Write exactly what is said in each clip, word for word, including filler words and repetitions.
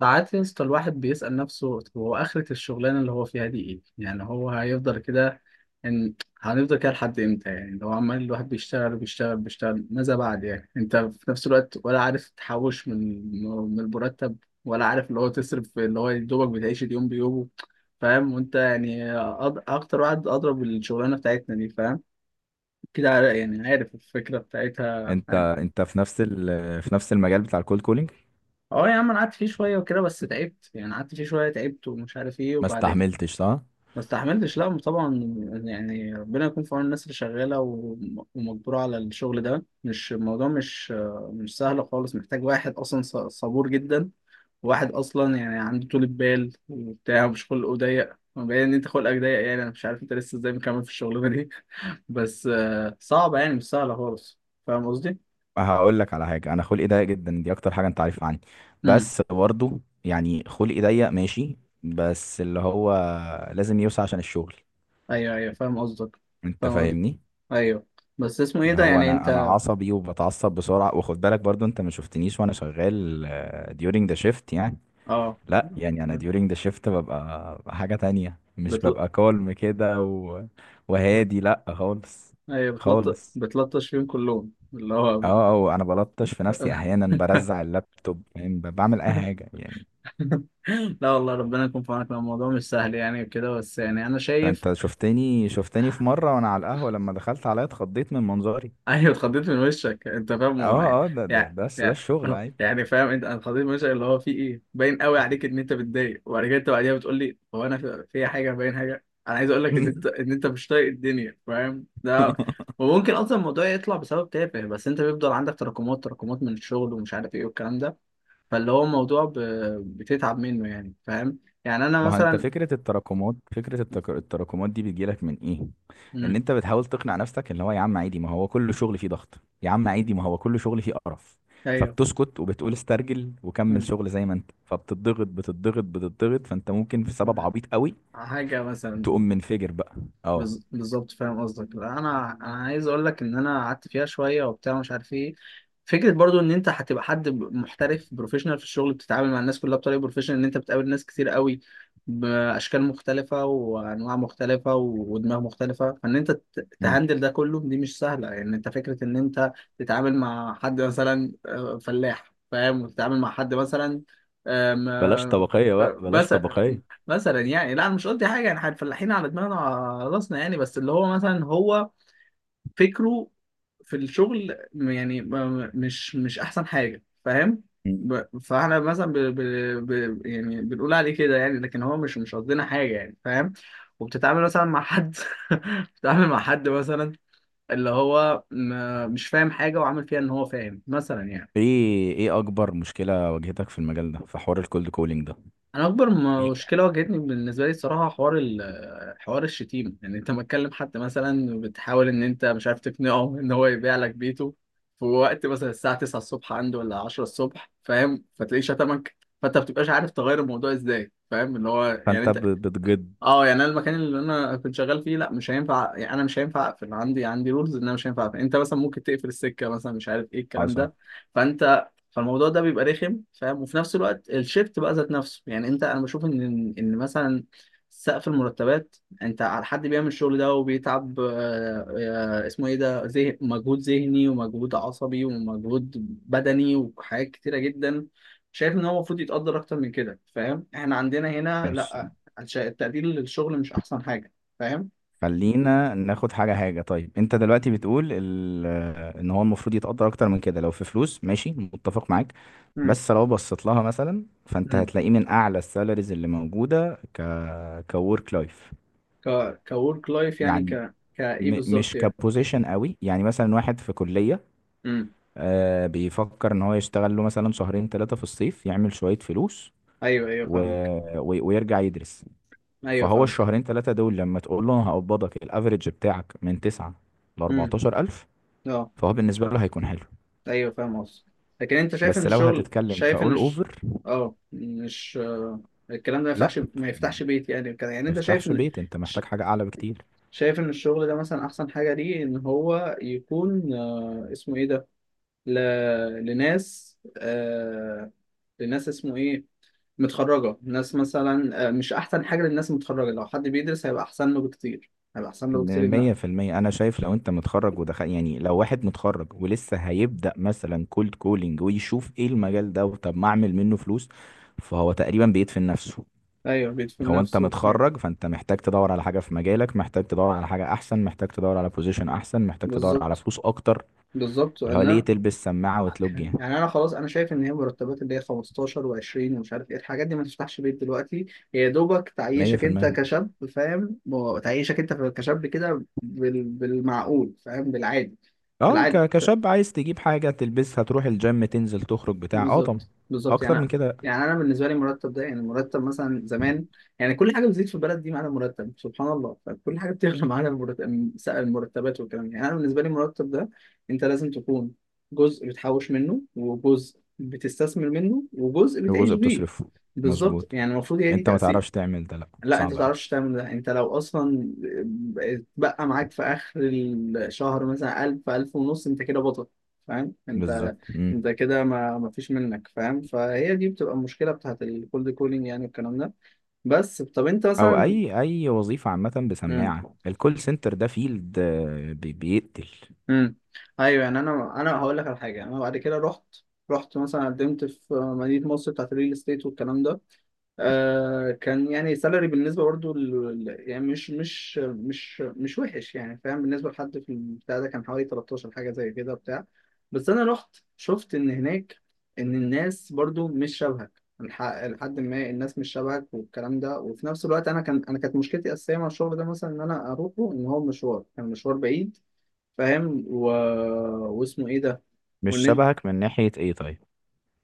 ساعات يا اسطى الواحد بيسأل نفسه هو آخرة الشغلانة اللي هو فيها دي إيه؟ يعني هو هيفضل كده، إن هنفضل كده لحد إمتى؟ يعني لو عمال الواحد بيشتغل وبيشتغل بيشتغل، ماذا بعد يعني؟ أنت في نفس الوقت ولا عارف تحوش من من المرتب، ولا عارف اللي هو تصرف، اللي هو يا دوبك بتعيش اليوم بيومه، فاهم؟ وأنت يعني أض- أكتر واحد أضرب الشغلانة بتاعتنا دي، فاهم؟ كده عار- يعني عارف الفكرة بتاعتها انت عاد. انت في نفس ال... في نفس المجال بتاع الكولد كولينج. اه يا عم، انا قعدت فيه شويه وكده بس تعبت، يعني قعدت فيه شويه تعبت ومش عارف ايه، ما وبعد استحملتش، صح؟ ما استحملتش، لا طبعا. يعني ربنا يكون في عون الناس اللي شغاله وم- ومجبوره على الشغل ده، مش الموضوع مش مش سهل خالص، محتاج واحد اصلا ص- صبور جدا، واحد اصلا يعني عنده طولة بال وبتاع، مش خلقه ضيق. باين ان انت خلقك ضيق، يعني انا مش عارف انت لسه ازاي مكمل في الشغلانه دي بس آه، صعبه يعني، مش سهله خالص. فاهم قصدي؟ هقول لك على حاجه، انا خلقي ضيق جدا، دي اكتر حاجه انت عارفها عني. امم. بس برضه يعني خلقي ضيق ماشي، بس اللي هو لازم يوسع عشان الشغل. ايوه ايوه، فاهم قصدك. انت فاهم قصدك، فاهمني. ايوه. بس اسمه ايه اللي ده هو يعني انا انا انت؟ عصبي وبتعصب بسرعه، وخد بالك برضه انت ما شفتنيش وانا شغال ديورنج ذا شيفت يعني. اه. لا يعني انا ديورنج ذا شيفت ببقى حاجه تانية، مش بتل... ببقى كالم كده و... وهادي لا خالص، ايوه، بتلطش خالص. بتلطش فيهم كلهم، اللي هو بت- اه اه، انا بلطش في نفسي احيانا، برزع اللابتوب، فاهم، ب- بعمل اي حاجه يعني. لا والله، ربنا يكون في عونك، لو الموضوع مش سهل يعني وكده، بس يعني انا شايف. انت شفتني شفتني في مره وانا على القهوه، لما دخلت عليا اتخضيت من منظري. ايوه، اتخضيت من وشك انت، فاهم هو يعني. اه اه، ده ده يعني بس ده يعني الشغل عادي. يعني، فاهم انت، انا اتخضيت من وشك، اللي هو في ايه، باين قوي عليك ان انت متضايق، وبعد كده انت بعديها بتقول لي هو انا في في حاجه، باين حاجه. انا عايز اقول لك ان انت، ان انت مش طايق الدنيا، فاهم ده. وممكن اصلا الموضوع يطلع بسبب تافه، بس انت بيفضل عندك تراكمات تراكمات من الشغل ومش عارف ايه والكلام ده. فاللي هو الموضوع ب... بتتعب منه يعني، فاهم؟ يعني انا ما هو انت مثلا. فكره التراكمات، فكره التك- التراكمات دي بتجيلك من ايه؟ ان مم. انت بتحاول تقنع نفسك اللي هو يا عم عادي، ما هو كل شغل فيه ضغط، يا عم عادي ما هو كل شغل فيه قرف. ايوه. فبتسكت وبتقول استرجل وكمل مم. شغل زي ما انت، فبتضغط بتضغط بتضغط، فانت ممكن في سبب عبيط قوي حاجه تقوم مثلا. منفجر بقى. اه. بز- بالظبط، فاهم قصدك. لا، انا انا عايز اقول لك ان انا قعدت فيها شويه وبتاع، مش عارف ايه. فكره برضو ان انت هتبقى حد ب- محترف، بروفيشنال في الشغل، بتتعامل مع الناس كلها بطريقه بروفيشنال. ان انت بتقابل ناس كتير قوي، باشكال مختلفه وانواع مختلفه و- ودماغ مختلفه، فان انت ت- مم. تهندل ده كله، دي مش سهله يعني. انت فكره ان انت تتعامل مع حد مثلا آه، فلاح فاهم، وتتعامل مع حد مثلا، آم، بلاش آه، طبقية بقى، آه، بلاش مثلا. طبقية. مثلا يعني، لا انا مش قصدي حاجه، يعني احنا الفلاحين على دماغنا وعلى راسنا يعني، بس اللي هو مثلا هو فكره في الشغل م- يعني م- م- مش مش احسن حاجه، فاهم. مم. ب- فاحنا مثلا ب... ب... ب... يعني بنقول عليه كده يعني، لكن هو مش مش قصدنا حاجه يعني، فاهم. وبتتعامل مثلا مع حد بتتعامل مع حد مثلا اللي هو م... مش فاهم حاجه وعامل فيها ان هو فاهم مثلا يعني. ايه ايه اكبر مشكلة واجهتك في المجال ده، في حوار الكولد كولينج ده؟ انا اكبر ايه؟ مشكله واجهتني، بالنسبه لي الصراحه، حوار ال- حوار الشتيمه. يعني انت متكلم حد مثلا، بتحاول ان انت، مش عارف تقنعه ان هو يبيع لك بيته في وقت مثلا الساعه تسعة الصبح عنده، ولا عشرة الصبح، فاهم، فتلاقيه شتمك، فانت ما بتبقاش عارف تغير الموضوع ازاي، فاهم، اللي هو فانت يعني. ب- بتجد. اه، يعني انا المكان اللي انا كنت شغال فيه لا، مش هينفع. يعني انا مش هينفع اقفل، عندي عندي رولز ان انا مش هينفع اقفل. انت مثلا ممكن تقفل السكه مثلا، مش عارف ايه الكلام حصل. ده. فانت فالموضوع ده بيبقى رخم، فاهم. وفي نفس الوقت الشيفت بقى ذات نفسه، يعني انت، انا بشوف ان، ان مثلا سقف المرتبات، انت على حد بيعمل الشغل ده وبيتعب آه، آه، اسمه ايه ده، ذه مجهود ذهني ومجهود عصبي ومجهود بدني وحاجات كتيره جدا، شايف ان هو المفروض يتقدر اكتر من كده، فاهم. احنا عندنا هنا ماشي، لا، عشان التقدير للشغل مش احسن حاجه، فاهم. خلينا ناخد حاجة حاجة. طيب انت دلوقتي بتقول ال- ان هو المفروض يتقدر اكتر من كده لو في فلوس، ماشي متفق معاك. امم. بس لو بصيت لها مثلا، فانت امم. هتلاقيه من اعلى السالاريز اللي موجودة ك كورك لايف ك كورك لايف يعني، يعني. ك كايه م- بالظبط مش يعني؟ كبوزيشن قوي، يعني مثلا واحد في كلية امم. آه، بيفكر ان هو يشتغل له مثلا شهرين ثلاثة في الصيف يعمل شوية فلوس ايوه ايوه و... فاهمك. و... ويرجع يدرس. ايوه فهو فاهمك. الشهرين ثلاثة دول لما تقول له انا هقبضك الافريج بتاعك من تسعة ل امم. أربعتاشر ألف، اه. فهو بالنسبة له هيكون حلو. ايوه فاهم قصدك. لكن انت شايف ان بس لو الشغل، هتتكلم شايف ان كأول الش... اوفر، اه، مش آه، الكلام ده ما لا. يفتحش، ما يفتحش بيت يعني كده، يعني ما انت شايف يفتحش ان بيت، انت ش... محتاج حاجة اعلى بكتير. شايف ان الشغل ده مثلا احسن حاجه ليه، ان هو يكون آه، اسمه ايه ده، ل... لناس آه... لناس اسمه ايه، متخرجة، ناس مثلا آه، مش أحسن حاجة للناس متخرجة، لو حد بيدرس هيبقى أحسن له بكتير، هيبقى أحسن له م- بكتير إن. مية في المية أنا شايف، لو أنت متخرج ودخل يعني، لو واحد متخرج ولسه هيبدأ مثلا كولد كولينج ويشوف إيه المجال ده، وطب ما أعمل منه فلوس، فهو تقريبا بيدفن نفسه. أيوه، بيدفن هو انت نفسه، أيوة. متخرج فانت محتاج تدور على حاجه في مجالك، محتاج تدور على حاجه احسن، محتاج تدور على بوزيشن احسن، محتاج تدور على بالظبط. فلوس اكتر. بالظبط اللي هو ليه أنا، تلبس سماعه وتلوج يعني؟ يعني أنا خلاص أنا شايف إن هي مرتبات اللي هي خمستاشر و20 ومش عارف إيه الحاجات دي، ما تفتحش بيت دلوقتي، هي يا دوبك تعيشك أنت مية في المية. كشاب، فاهم، و- تعيشك أنت كشاب كده بال... بالمعقول، فاهم، بالعادي. اه، بالعادي. ك- كشاب عايز تجيب حاجه تلبسها، تروح الجيم، تنزل، تخرج، بتاع. اه طبعا بالظبط بالظبط اكتر يعني. من كده. يعني انا بالنسبه لي المرتب ده، يعني المرتب مثلا زمان، يعني كل حاجه بتزيد في البلد دي، معانا مرتب سبحان الله، فكل حاجه بتغلى معانا المرتب، المرتبات والكلام ده. يعني انا بالنسبه لي المرتب ده، انت لازم تكون جزء بتحوش منه، وجزء بتستثمر منه، وجزء لو بتعيش جزء بيه. بتصرفه، بالظبط، مظبوط. يعني المفروض هي انت ما دي. تعرفش تعمل ده، لا لا، انت ما صعب قوي. تعرفش تعمل ده، انت لو اصلا بقى معاك في اخر الشهر مثلا 1000 ألف ونص، انت كده بطل فاهم انت، بالظبط. مم. انت كده ما ما فيش منك، فاهم. فهي دي بتبقى المشكله بتاعت الكولد كولينج يعني، والكلام ده. بس طب انت او مثلا. اي اي وظيفه عامه امم. بسماعه، الكول سنتر ده فيلد، آه، بي- بيقتل. امم. ايوه. يعني انا انا هقول لك على حاجه، انا بعد كده رحت، رحت مثلا قدمت في مدينه مصر بتاعت الريل استيت والكلام ده. آه كان يعني سالري بالنسبه برضو ال- ال- يعني مش مش مش مش وحش يعني فاهم، بالنسبه لحد في البتاع ده، كان حوالي تلتاشر حاجه زي كده بتاع. بس انا رحت شفت ان هناك، ان الناس برضو مش شبهك الح- لحد ما، الناس مش شبهك والكلام ده. وفي نفس الوقت انا كان، انا كانت مشكلتي الاساسيه مع الشغل ده مثلا، ان انا اروحه، ان هو مشوار، كان مشوار بعيد، فاهم. و... واسمه ايه ده، مش وان، شبهك من ناحيه ايه طيب؟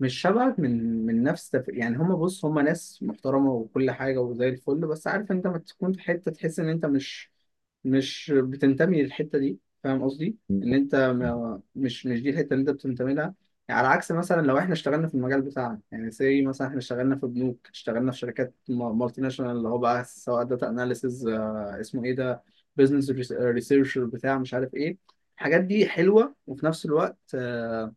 مش شبهك من من نفس تف... يعني هما بص، هما ناس محترمة وكل حاجة وزي الفل، بس عارف انت ما تكون في حتة تحس ان انت مش، مش بتنتمي للحتة دي، فاهم قصدي؟ مم. ان انت ما... مش مش دي الحتة اللي انت بتنتمي لها. يعني على عكس مثلا لو احنا اشتغلنا في المجال بتاعنا، يعني زي مثلا احنا اشتغلنا في بنوك، اشتغلنا في شركات مالتي ناشونال، اللي هو بقى سواء داتا اناليسز، اسمه ايه ده، بزنس ريسيرشر بتاع مش عارف ايه، الحاجات دي حلوة، وفي نفس الوقت آه،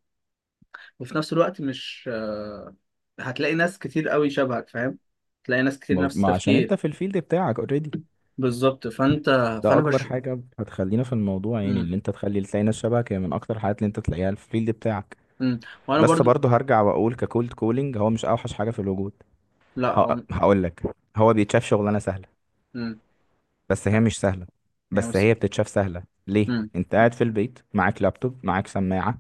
وفي نفس الوقت مش آه، هتلاقي ناس كتير قوي شبهك، فاهم، هتلاقي ناس كتير مظ- نفس ما عشان انت التفكير. في الفيلد بتاعك اوريدي. بالظبط فانت، ده فانا اكبر بش حاجه هتخلينا في الموضوع، يعني مم. اللي انت تخلي تلاقي ناس شبهك، هي من اكتر الحاجات اللي انت تلاقيها في الفيلد بتاعك. مم. وانا بس برضو. برضه هرجع واقول ككولد كولينج هو مش اوحش حاجه في الوجود. لا هو. هقول لك، هو بيتشاف شغلانه سهله، مم. بس هي مش سهله. يعني بس مس... هي بتتشاف سهله ليه؟ مم. انت قاعد في البيت، معاك لابتوب، معاك سماعه.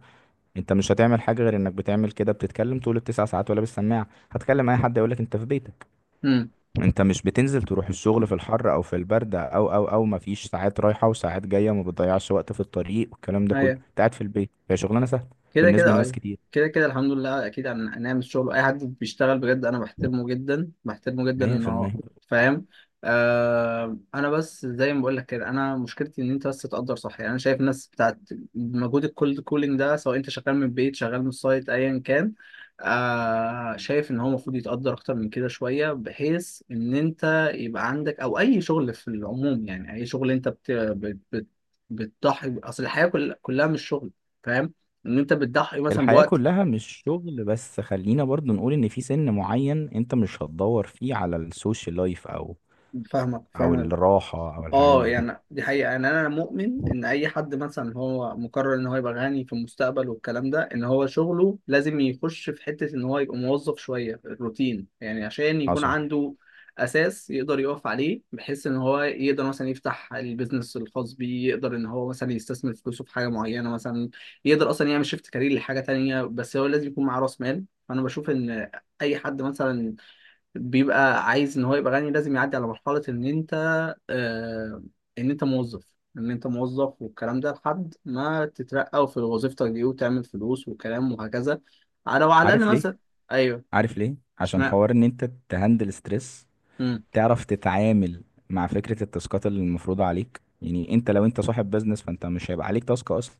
انت مش هتعمل حاجه غير انك بتعمل كده بتتكلم طول التسع ساعات ولا بالسماعه، هتكلم اي حد يقول لك انت في بيتك. مم. انت مش بتنزل تروح الشغل مم. في الحر او في البرد او او او، مفيش ساعات رايحة وساعات جاية، ما بتضيعش وقت في الطريق والكلام ده كله، أيوة. انت قاعد في البيت، هي شغلانة سهلة كده بالنسبة كده لناس ايوه. كتير. كده كده الحمد لله، اكيد هن- هنعمل شغل. اي حد بيشتغل بجد انا بحترمه جدا، بحترمه جدا ان هو، مية في المية. فاهم. آه انا بس زي ما بقول لك كده، انا مشكلتي ان انت بس تقدر صح. يعني انا شايف الناس بتاعت مجهود الكولد كولينج ده، سواء انت شغال من البيت شغال من السايت ايا كان، آه شايف ان هو المفروض يتقدر اكتر من كده شويه، بحيث ان انت يبقى عندك، او اي شغل في العموم يعني. اي شغل انت بت بت بت- بتضحي، اصل الحياه كل- كلها مش شغل، فاهم. ان انت بتضحي مثلا الحياة بوقت. كلها مش شغل، بس خلينا برضو نقول ان في سن معين انت مش هتدور فيه على السوشيال لايف، او فاهمك او فاهمك. الراحة او الحاجات اه دي. يعني دي حقيقة، يعني انا مؤمن ان اي حد مثلا هو مقرر ان هو يبقى غني في المستقبل والكلام ده، ان هو شغله لازم يخش في حتة ان هو يبقى موظف شوية الروتين يعني، عشان يكون حصل. عنده اساس يقدر يقف عليه، بحيث ان هو يقدر مثلا يفتح البيزنس الخاص بيه، يقدر ان هو مثلا يستثمر فلوسه في حاجة معينة مثلا، يقدر اصلا يعمل شيفت كارير لحاجة تانية، بس هو لازم يكون معاه راس مال. فانا بشوف ان اي حد مثلا بيبقى عايز ان هو يبقى غني، لازم يعدي على مرحلة ان انت آه، ان انت موظف، ان انت موظف والكلام ده، لحد ما تترقى في وظيفتك دي وتعمل فلوس وكلام وهكذا، على وعلى عارف الاقل ليه؟ مثلا. ايوه. عارف ليه؟ عشان اشمعنى؟ حوار ان انت تهندل ستريس، امم. تعرف تتعامل مع فكرة التاسكات اللي المفروضة عليك. يعني انت لو انت صاحب بزنس، فانت مش هيبقى عليك تاسك اصلا،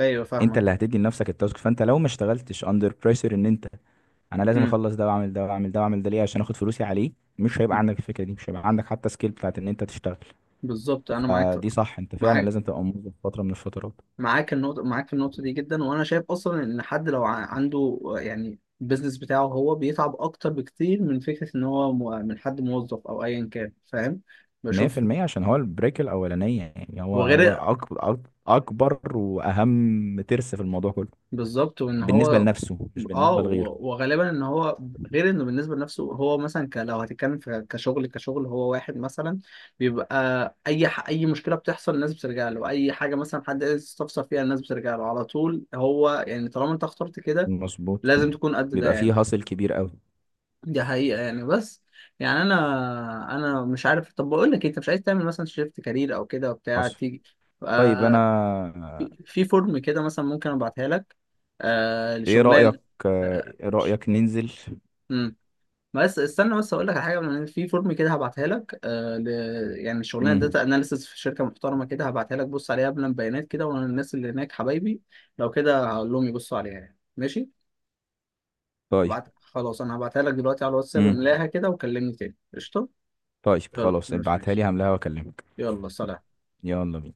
ايوه انت اللي فاهمك. هتدي لنفسك التاسك. فانت لو ما اشتغلتش اندر بريشر ان انت انا لازم امم. اخلص ده واعمل ده واعمل ده واعمل ده ليه، عشان اخد فلوسي عليه، مش هيبقى أمم. عندك الفكرة دي. مش هيبقى عندك حتى سكيل بتاعت ان انت تشتغل. بالظبط انا معاك. فدي صح، انت فعلا معاك. لازم تبقى موظف فترة من الفترات. معاك النقطة، معاك في النقطة دي جدا، وأنا شايف أصلا إن حد لو ع- عنده يعني البيزنس بتاعه، هو بيتعب أكتر بكتير من فكرة إن هو مو- من حد موظف أو أيا كان، فاهم. بشوف. مية في المية. عشان هو البريك الأولانية، يعني هو هو هو غير. أكبر، أكبر وأهم ترس في الموضوع كله. بالظبط وان بالنسبة هو، لنفسه مش اه بالنسبة لغيره. و- وغالبا ان هو، غير انه بالنسبه لنفسه، هو مثلا ك... لو هتتكلم في كشغل كشغل، هو واحد مثلا بيبقى اي ح... اي مشكله بتحصل الناس بترجع له، اي حاجه مثلا حد عايز يستفسر فيها الناس بترجع له على طول، هو يعني طالما انت اخترت كده مظبوط. لازم تكون قد ده بيبقى يعني. فيه هاصل كبير قوي. دي حقيقه يعني، بس يعني انا انا مش عارف، طب بقول لك إيه، انت مش عايز تعمل مثلا شيفت كارير او كده وبتاع، حصل. تيجي طيب انا، آه في في فورم كده مثلا، ممكن ابعتها لك آه ايه رأيك؟ لشغلان. آه، آه. ايه رأيك ننزل؟ مم. بس استنى، بس اقول لك على حاجه من، في فورم كده هبعتها لك آه ل... يعني شغلانه امم داتا اناليسيس في شركه محترمه كده، هبعتها لك بص عليها قبل، بيانات كده، وانا الناس اللي هناك حبايبي، لو كده هقول لهم يبصوا عليها يعني، ماشي. طيب. هبعت خلاص، انا هبعتها لك دلوقتي على الواتساب، امم املاها كده وكلمني تاني، قشطه. طيب يلا خلاص، ماشي ابعتها ماشي، لي هملاها واكلمك. يلا سلام. يلا بينا.